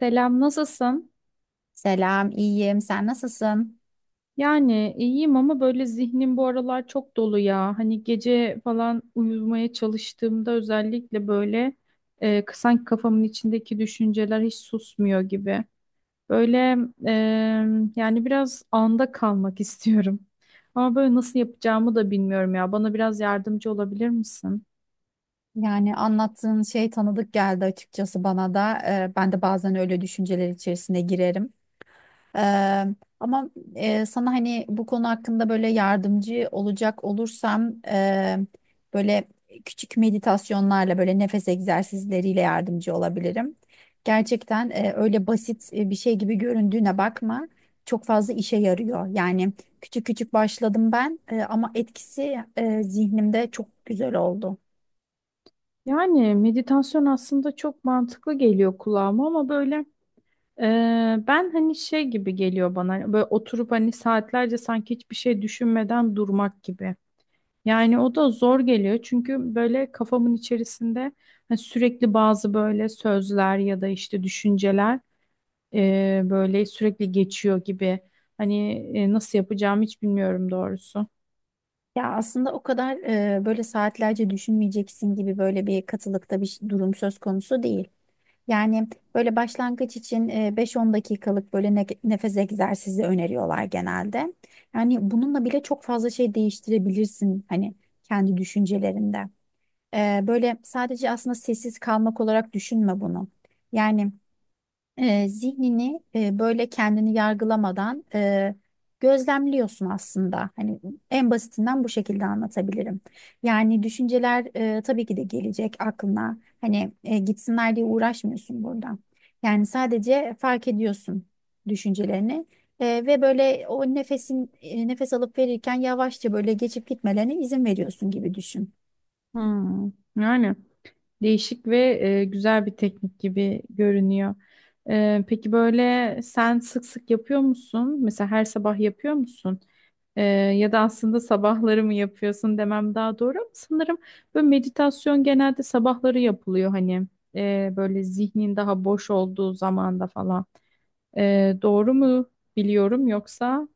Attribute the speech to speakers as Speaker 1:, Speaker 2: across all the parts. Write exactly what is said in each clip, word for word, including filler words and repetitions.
Speaker 1: Selam, nasılsın?
Speaker 2: Selam, iyiyim. Sen nasılsın?
Speaker 1: Yani iyiyim ama böyle zihnim bu aralar çok dolu ya. Hani gece falan uyumaya çalıştığımda özellikle böyle e, sanki kafamın içindeki düşünceler hiç susmuyor gibi. Böyle e, Yani biraz anda kalmak istiyorum. Ama böyle nasıl yapacağımı da bilmiyorum ya. Bana biraz yardımcı olabilir misin?
Speaker 2: Yani anlattığın şey tanıdık geldi açıkçası bana da. Ee, ben de bazen öyle düşünceler içerisine girerim. Eee, ama eee, sana hani bu konu hakkında böyle yardımcı olacak olursam eee, böyle küçük meditasyonlarla böyle nefes egzersizleriyle yardımcı olabilirim. Gerçekten eee, öyle basit e, bir şey gibi göründüğüne bakma. Çok fazla işe yarıyor. Yani küçük küçük başladım ben eee, ama etkisi eee, zihnimde çok güzel oldu.
Speaker 1: Yani meditasyon aslında çok mantıklı geliyor kulağıma ama böyle Ee, ben hani şey gibi geliyor bana hani böyle oturup hani saatlerce sanki hiçbir şey düşünmeden durmak gibi. Yani o da zor geliyor çünkü böyle kafamın içerisinde hani sürekli bazı böyle sözler ya da işte düşünceler e, böyle sürekli geçiyor gibi. Hani e, Nasıl yapacağımı hiç bilmiyorum doğrusu.
Speaker 2: Ya aslında o kadar eee, böyle saatlerce düşünmeyeceksin gibi böyle bir katılıkta bir ş- durum söz konusu değil. Yani böyle başlangıç için e, beş on dakikalık böyle ne- nefes egzersizi öneriyorlar genelde. Yani bununla bile çok fazla şey değiştirebilirsin hani kendi düşüncelerinde. E, Böyle sadece aslında sessiz kalmak olarak düşünme bunu. Yani e, zihnini e, böyle kendini yargılamadan e, gözlemliyorsun aslında. Hani en basitinden bu şekilde anlatabilirim. Yani düşünceler e, tabii ki de gelecek aklına. Hani e, gitsinler diye uğraşmıyorsun burada. Yani sadece fark ediyorsun düşüncelerini. e, ve böyle o nefesin e, nefes alıp verirken yavaşça böyle geçip gitmelerine izin veriyorsun gibi düşün.
Speaker 1: Hmm. Yani değişik ve e, güzel bir teknik gibi görünüyor. E, peki böyle sen sık sık yapıyor musun? Mesela her sabah yapıyor musun? Ee, Ya da aslında sabahları mı yapıyorsun demem daha doğru ama sanırım böyle meditasyon genelde sabahları yapılıyor hani Ee, böyle zihnin daha boş olduğu zamanda falan. Ee, doğru mu biliyorum yoksa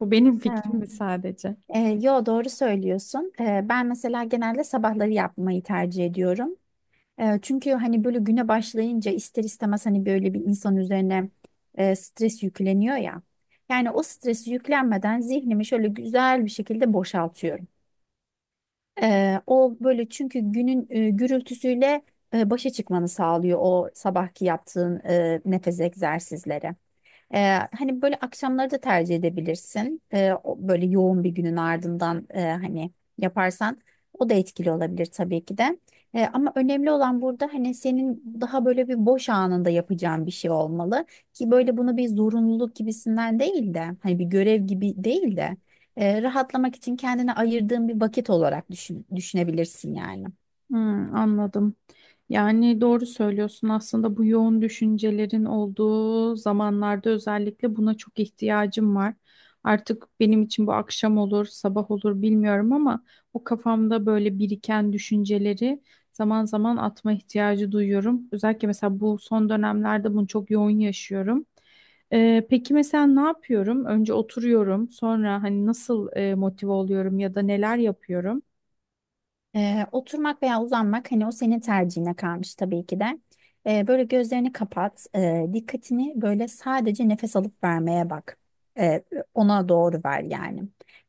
Speaker 1: bu benim
Speaker 2: Evet.
Speaker 1: fikrim mi sadece?
Speaker 2: E, yo doğru söylüyorsun. E, ben mesela genelde sabahları yapmayı tercih ediyorum. E, Çünkü hani böyle güne başlayınca ister istemez hani böyle bir insan üzerine e, stres yükleniyor ya. Yani o stresi yüklenmeden zihnimi şöyle güzel bir şekilde boşaltıyorum. E, o böyle çünkü günün e, gürültüsüyle e, başa çıkmanı sağlıyor o sabahki yaptığın e, nefes egzersizleri. Ee, hani böyle akşamları da tercih edebilirsin. Ee, o- böyle yoğun bir günün ardından e, hani yaparsan o da etkili olabilir tabii ki de. Ee, ama önemli olan burada hani senin daha böyle bir boş anında yapacağın bir şey olmalı ki böyle bunu bir zorunluluk gibisinden değil de hani bir görev gibi değil de e, rahatlamak için kendine ayırdığın bir vakit olarak düşün, düşünebilirsin yani.
Speaker 1: Hmm, anladım. Yani doğru söylüyorsun. Aslında bu yoğun düşüncelerin olduğu zamanlarda özellikle buna çok ihtiyacım var. Artık benim için bu akşam olur, sabah olur bilmiyorum ama o kafamda böyle biriken düşünceleri zaman zaman atma ihtiyacı duyuyorum. Özellikle mesela bu son dönemlerde bunu çok yoğun yaşıyorum. Ee, peki mesela ne yapıyorum? Önce oturuyorum, sonra hani nasıl e, motive oluyorum ya da neler yapıyorum?
Speaker 2: Ee, oturmak veya uzanmak hani o senin tercihine kalmış tabii ki de. Ee, böyle gözlerini kapat, ee, dikkatini böyle sadece nefes alıp vermeye bak. Ee, ona doğru ver yani.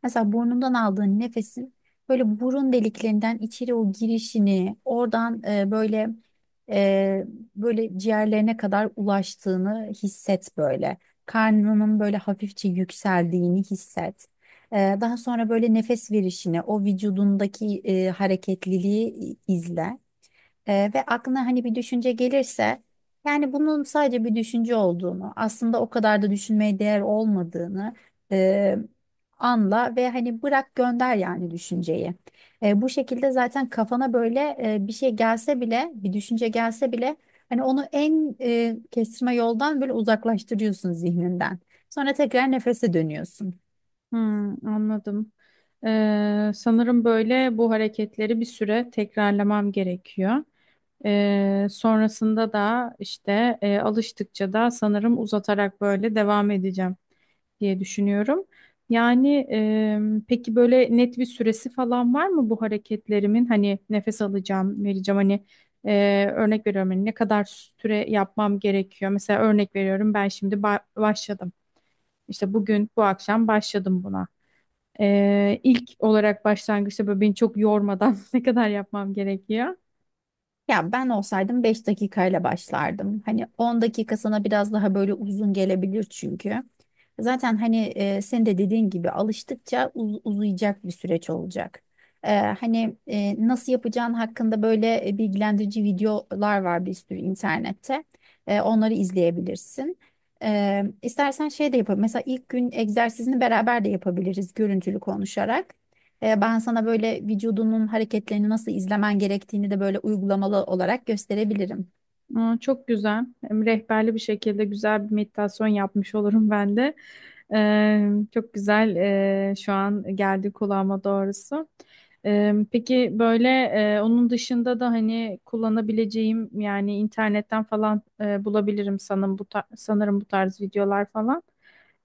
Speaker 2: Mesela burnundan aldığın nefesin böyle burun deliklerinden içeri o girişini, oradan e, böyle e, böyle ciğerlerine kadar ulaştığını hisset böyle. Karnının böyle hafifçe yükseldiğini hisset. Ee, Daha sonra böyle nefes verişini, o vücudundaki e, hareketliliği izle. Ee, ve aklına hani bir düşünce gelirse yani bunun sadece bir düşünce olduğunu, aslında o kadar da düşünmeye değer olmadığını e, anla ve hani bırak gönder yani düşünceyi. E, bu şekilde zaten kafana böyle e, bir şey gelse bile, bir düşünce gelse bile hani onu en e, kestirme yoldan böyle uzaklaştırıyorsun zihninden. Sonra tekrar nefese dönüyorsun.
Speaker 1: Hmm, anladım. Ee, sanırım böyle bu hareketleri bir süre tekrarlamam gerekiyor. Ee, sonrasında da işte e, alıştıkça da sanırım uzatarak böyle devam edeceğim diye düşünüyorum. Yani e, peki böyle net bir süresi falan var mı bu hareketlerimin? Hani nefes alacağım, vereceğim. Hani e, örnek veriyorum hani ne kadar süre yapmam gerekiyor? Mesela örnek veriyorum ben şimdi ba- başladım. İşte bugün bu akşam başladım buna. Ee, ilk olarak başlangıçta böyle beni çok yormadan ne kadar yapmam gerekiyor.
Speaker 2: Ya ben olsaydım beş dakikayla başlardım. Hani on dakika sana biraz daha böyle uzun gelebilir çünkü. Zaten hani e, sen de dediğin gibi alıştıkça uz- uzayacak bir süreç olacak. E, hani e, nasıl yapacağın hakkında böyle e, bilgilendirici videolar var bir sürü internette. E, onları izleyebilirsin. E, istersen şey de yapalım. Mesela ilk gün egzersizini beraber de yapabiliriz görüntülü konuşarak. E, ben sana böyle vücudunun hareketlerini nasıl izlemen gerektiğini de böyle uygulamalı olarak gösterebilirim.
Speaker 1: Aa, çok güzel. Hem rehberli bir şekilde güzel bir meditasyon yapmış olurum ben de. Ee, çok güzel ee, şu an geldi kulağıma doğrusu. Ee, peki böyle e, onun dışında da hani kullanabileceğim yani internetten falan e, bulabilirim sanırım bu tar- sanırım bu tarz videolar falan.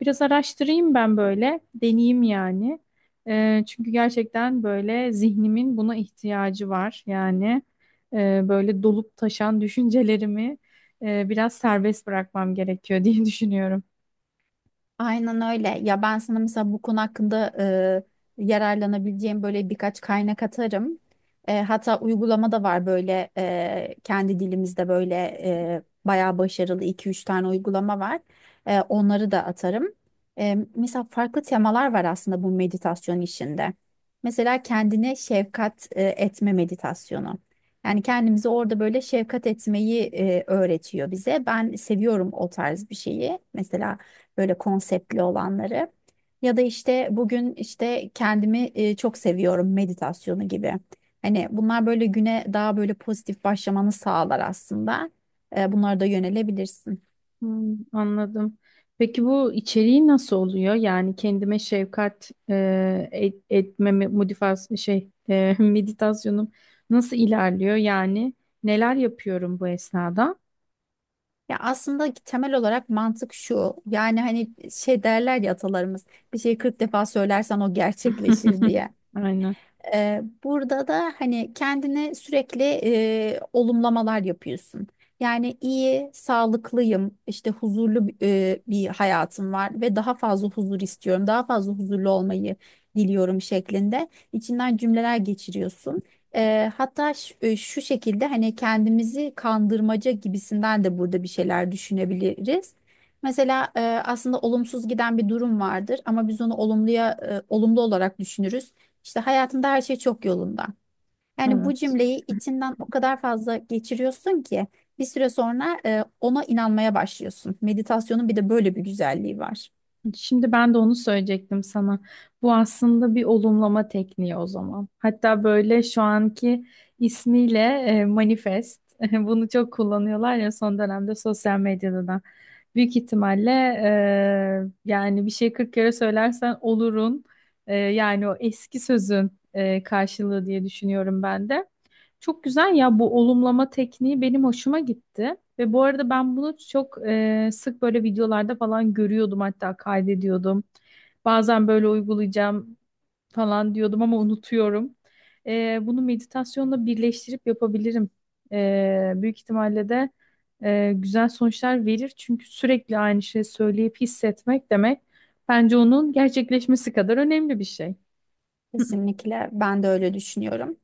Speaker 1: Biraz araştırayım ben böyle deneyeyim yani. Ee, çünkü gerçekten böyle zihnimin buna ihtiyacı var yani e, böyle dolup taşan düşüncelerimi e, biraz serbest bırakmam gerekiyor diye düşünüyorum.
Speaker 2: Aynen öyle. Ya ben sana mesela bu konu hakkında e, yararlanabileceğim böyle birkaç kaynak atarım. E, hatta uygulama da var böyle e, kendi dilimizde böyle e, bayağı başarılı iki üç tane uygulama var. E, onları da atarım. E, mesela farklı temalar var aslında bu meditasyon işinde. Mesela kendine şefkat e, etme meditasyonu. Yani kendimizi orada böyle şefkat etmeyi e, öğretiyor bize. Ben seviyorum o tarz bir şeyi. Mesela böyle konseptli olanları. Ya da işte bugün işte kendimi e, çok seviyorum meditasyonu gibi. Hani bunlar böyle güne daha böyle pozitif başlamanı sağlar aslında. E, bunlara da yönelebilirsin.
Speaker 1: Hmm, anladım. Peki bu içeriği nasıl oluyor? Yani kendime şefkat e, et- etme modifas şey e, meditasyonum nasıl ilerliyor? Yani neler yapıyorum bu esnada?
Speaker 2: Ya aslında temel olarak mantık şu. Yani hani şey derler ya atalarımız bir şeyi kırk defa söylersen o gerçekleşir
Speaker 1: Hı,
Speaker 2: diye.
Speaker 1: aynen.
Speaker 2: Ee, burada da hani kendine sürekli e, olumlamalar yapıyorsun. Yani iyi, sağlıklıyım, işte huzurlu e, bir hayatım var ve daha fazla huzur istiyorum, daha fazla huzurlu olmayı diliyorum şeklinde içinden cümleler geçiriyorsun. Ee, hatta ş- e, şu şekilde hani kendimizi kandırmaca gibisinden de burada bir şeyler düşünebiliriz. Mesela e, aslında olumsuz giden bir durum vardır ama biz onu olumluya e, olumlu olarak düşünürüz. İşte hayatımda her şey çok yolunda. Yani bu
Speaker 1: Evet.
Speaker 2: cümleyi içinden o kadar fazla geçiriyorsun ki bir süre sonra e, ona inanmaya başlıyorsun. Meditasyonun bir de böyle bir güzelliği var.
Speaker 1: Şimdi ben de onu söyleyecektim sana. Bu aslında bir olumlama tekniği o zaman. Hatta böyle şu anki ismiyle e, manifest. Bunu çok kullanıyorlar ya son dönemde sosyal medyada da. Büyük ihtimalle e, yani bir şey kırk kere söylersen olurun. E, yani o eski sözün e, karşılığı diye düşünüyorum ben de. Çok güzel ya bu olumlama tekniği benim hoşuma gitti. Ve bu arada ben bunu çok e, sık böyle videolarda falan görüyordum hatta kaydediyordum. Bazen böyle uygulayacağım falan diyordum ama unutuyorum. E, bunu meditasyonla birleştirip yapabilirim. E, büyük ihtimalle de e, güzel sonuçlar verir. Çünkü sürekli aynı şeyi söyleyip hissetmek demek bence onun gerçekleşmesi kadar önemli bir şey.
Speaker 2: Kesinlikle ben de öyle düşünüyorum.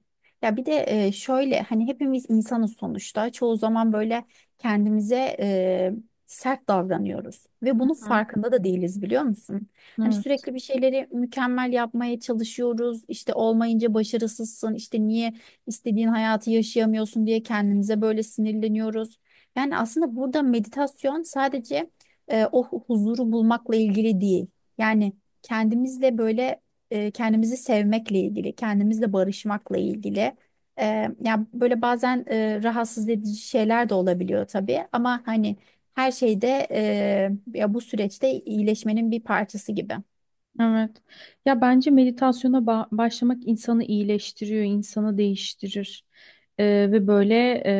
Speaker 2: Ya bir de e, şöyle hani hepimiz insanız sonuçta. Çoğu zaman böyle kendimize e, sert davranıyoruz ve bunun farkında da değiliz biliyor musun? Hani
Speaker 1: Hı.
Speaker 2: sürekli bir şeyleri mükemmel yapmaya çalışıyoruz. İşte olmayınca başarısızsın. İşte niye istediğin hayatı yaşayamıyorsun diye kendimize böyle sinirleniyoruz. Yani aslında burada meditasyon sadece e, o huzuru bulmakla ilgili değil. Yani kendimizle böyle e, kendimizi sevmekle ilgili, kendimizle barışmakla ilgili. E, ya böyle bazen e, rahatsız edici şeyler de olabiliyor tabii ama hani her şeyde e, ya bu süreçte iyileşmenin bir parçası gibi.
Speaker 1: Evet. Ya bence meditasyona ba- başlamak insanı iyileştiriyor, insanı değiştirir. Ee, ve böyle e,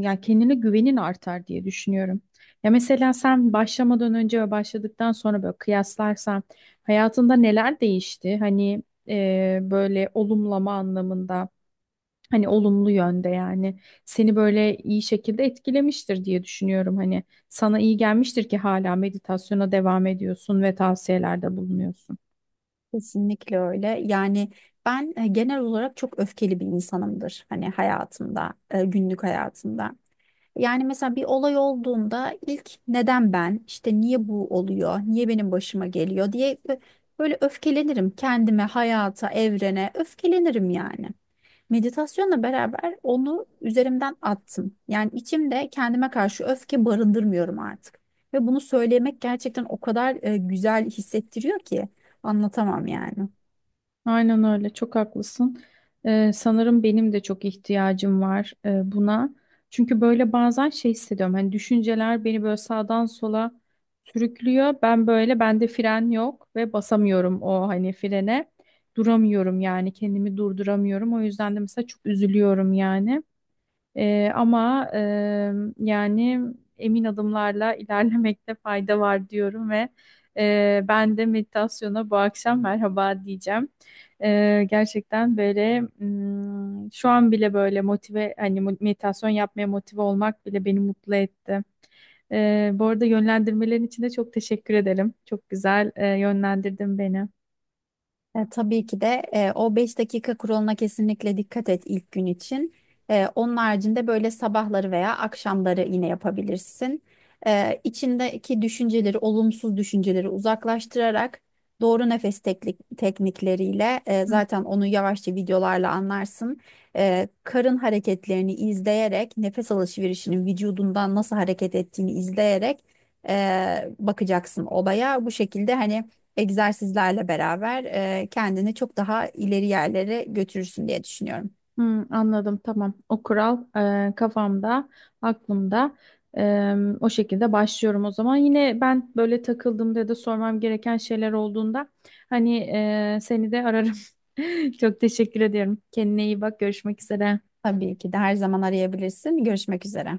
Speaker 1: ya kendine güvenin artar diye düşünüyorum. Ya mesela sen başlamadan önce ve başladıktan sonra böyle kıyaslarsan hayatında neler değişti? Hani e, böyle olumlama anlamında, hani olumlu yönde yani seni böyle iyi şekilde etkilemiştir diye düşünüyorum. Hani sana iyi gelmiştir ki hala meditasyona devam ediyorsun ve tavsiyelerde bulunuyorsun.
Speaker 2: Kesinlikle öyle. Yani ben e, genel olarak çok öfkeli bir insanımdır. Hani hayatımda, e, günlük hayatımda. Yani mesela bir olay olduğunda ilk neden ben, işte niye bu oluyor, niye benim başıma geliyor diye bö- böyle öfkelenirim kendime, hayata, evrene öfkelenirim yani. Meditasyonla beraber onu üzerimden attım. Yani içimde kendime karşı öfke barındırmıyorum artık. Ve bunu söylemek gerçekten o kadar e, güzel hissettiriyor ki anlatamam yani.
Speaker 1: Aynen öyle, çok haklısın. Ee, sanırım benim de çok ihtiyacım var e, buna. Çünkü böyle bazen şey hissediyorum. Hani düşünceler beni böyle sağdan sola sürüklüyor. Ben böyle bende fren yok ve basamıyorum o hani frene. Duramıyorum yani kendimi durduramıyorum. O yüzden de mesela çok üzülüyorum yani. Ee, ama e, yani emin adımlarla ilerlemekte fayda var diyorum ve e, ben de meditasyona bu akşam merhaba diyeceğim. Ee, gerçekten böyle mm, şu an bile böyle motive hani mo- meditasyon yapmaya motive olmak bile beni mutlu etti. Ee, bu arada yönlendirmelerin için de çok teşekkür ederim. Çok güzel e, yönlendirdin beni.
Speaker 2: E, tabii ki de e, o beş dakika kuralına kesinlikle dikkat et ilk gün için. E, onun haricinde böyle sabahları veya akşamları yine yapabilirsin. E, içindeki düşünceleri, olumsuz düşünceleri uzaklaştırarak doğru nefes teknik, teknikleriyle e, zaten onu yavaşça videolarla anlarsın. E, karın hareketlerini izleyerek, nefes alışverişinin vücudundan nasıl hareket ettiğini izleyerek e, bakacaksın olaya. Bu şekilde hani egzersizlerle beraber e, kendini çok daha ileri yerlere götürürsün diye düşünüyorum.
Speaker 1: Hmm, anladım tamam. O kural e, kafamda, aklımda. E, O şekilde başlıyorum o zaman. Yine ben böyle takıldığımda ya da sormam gereken şeyler olduğunda hani e, seni de ararım. Çok teşekkür ediyorum. Kendine iyi bak. Görüşmek üzere.
Speaker 2: Tabii ki de her zaman arayabilirsin. Görüşmek üzere.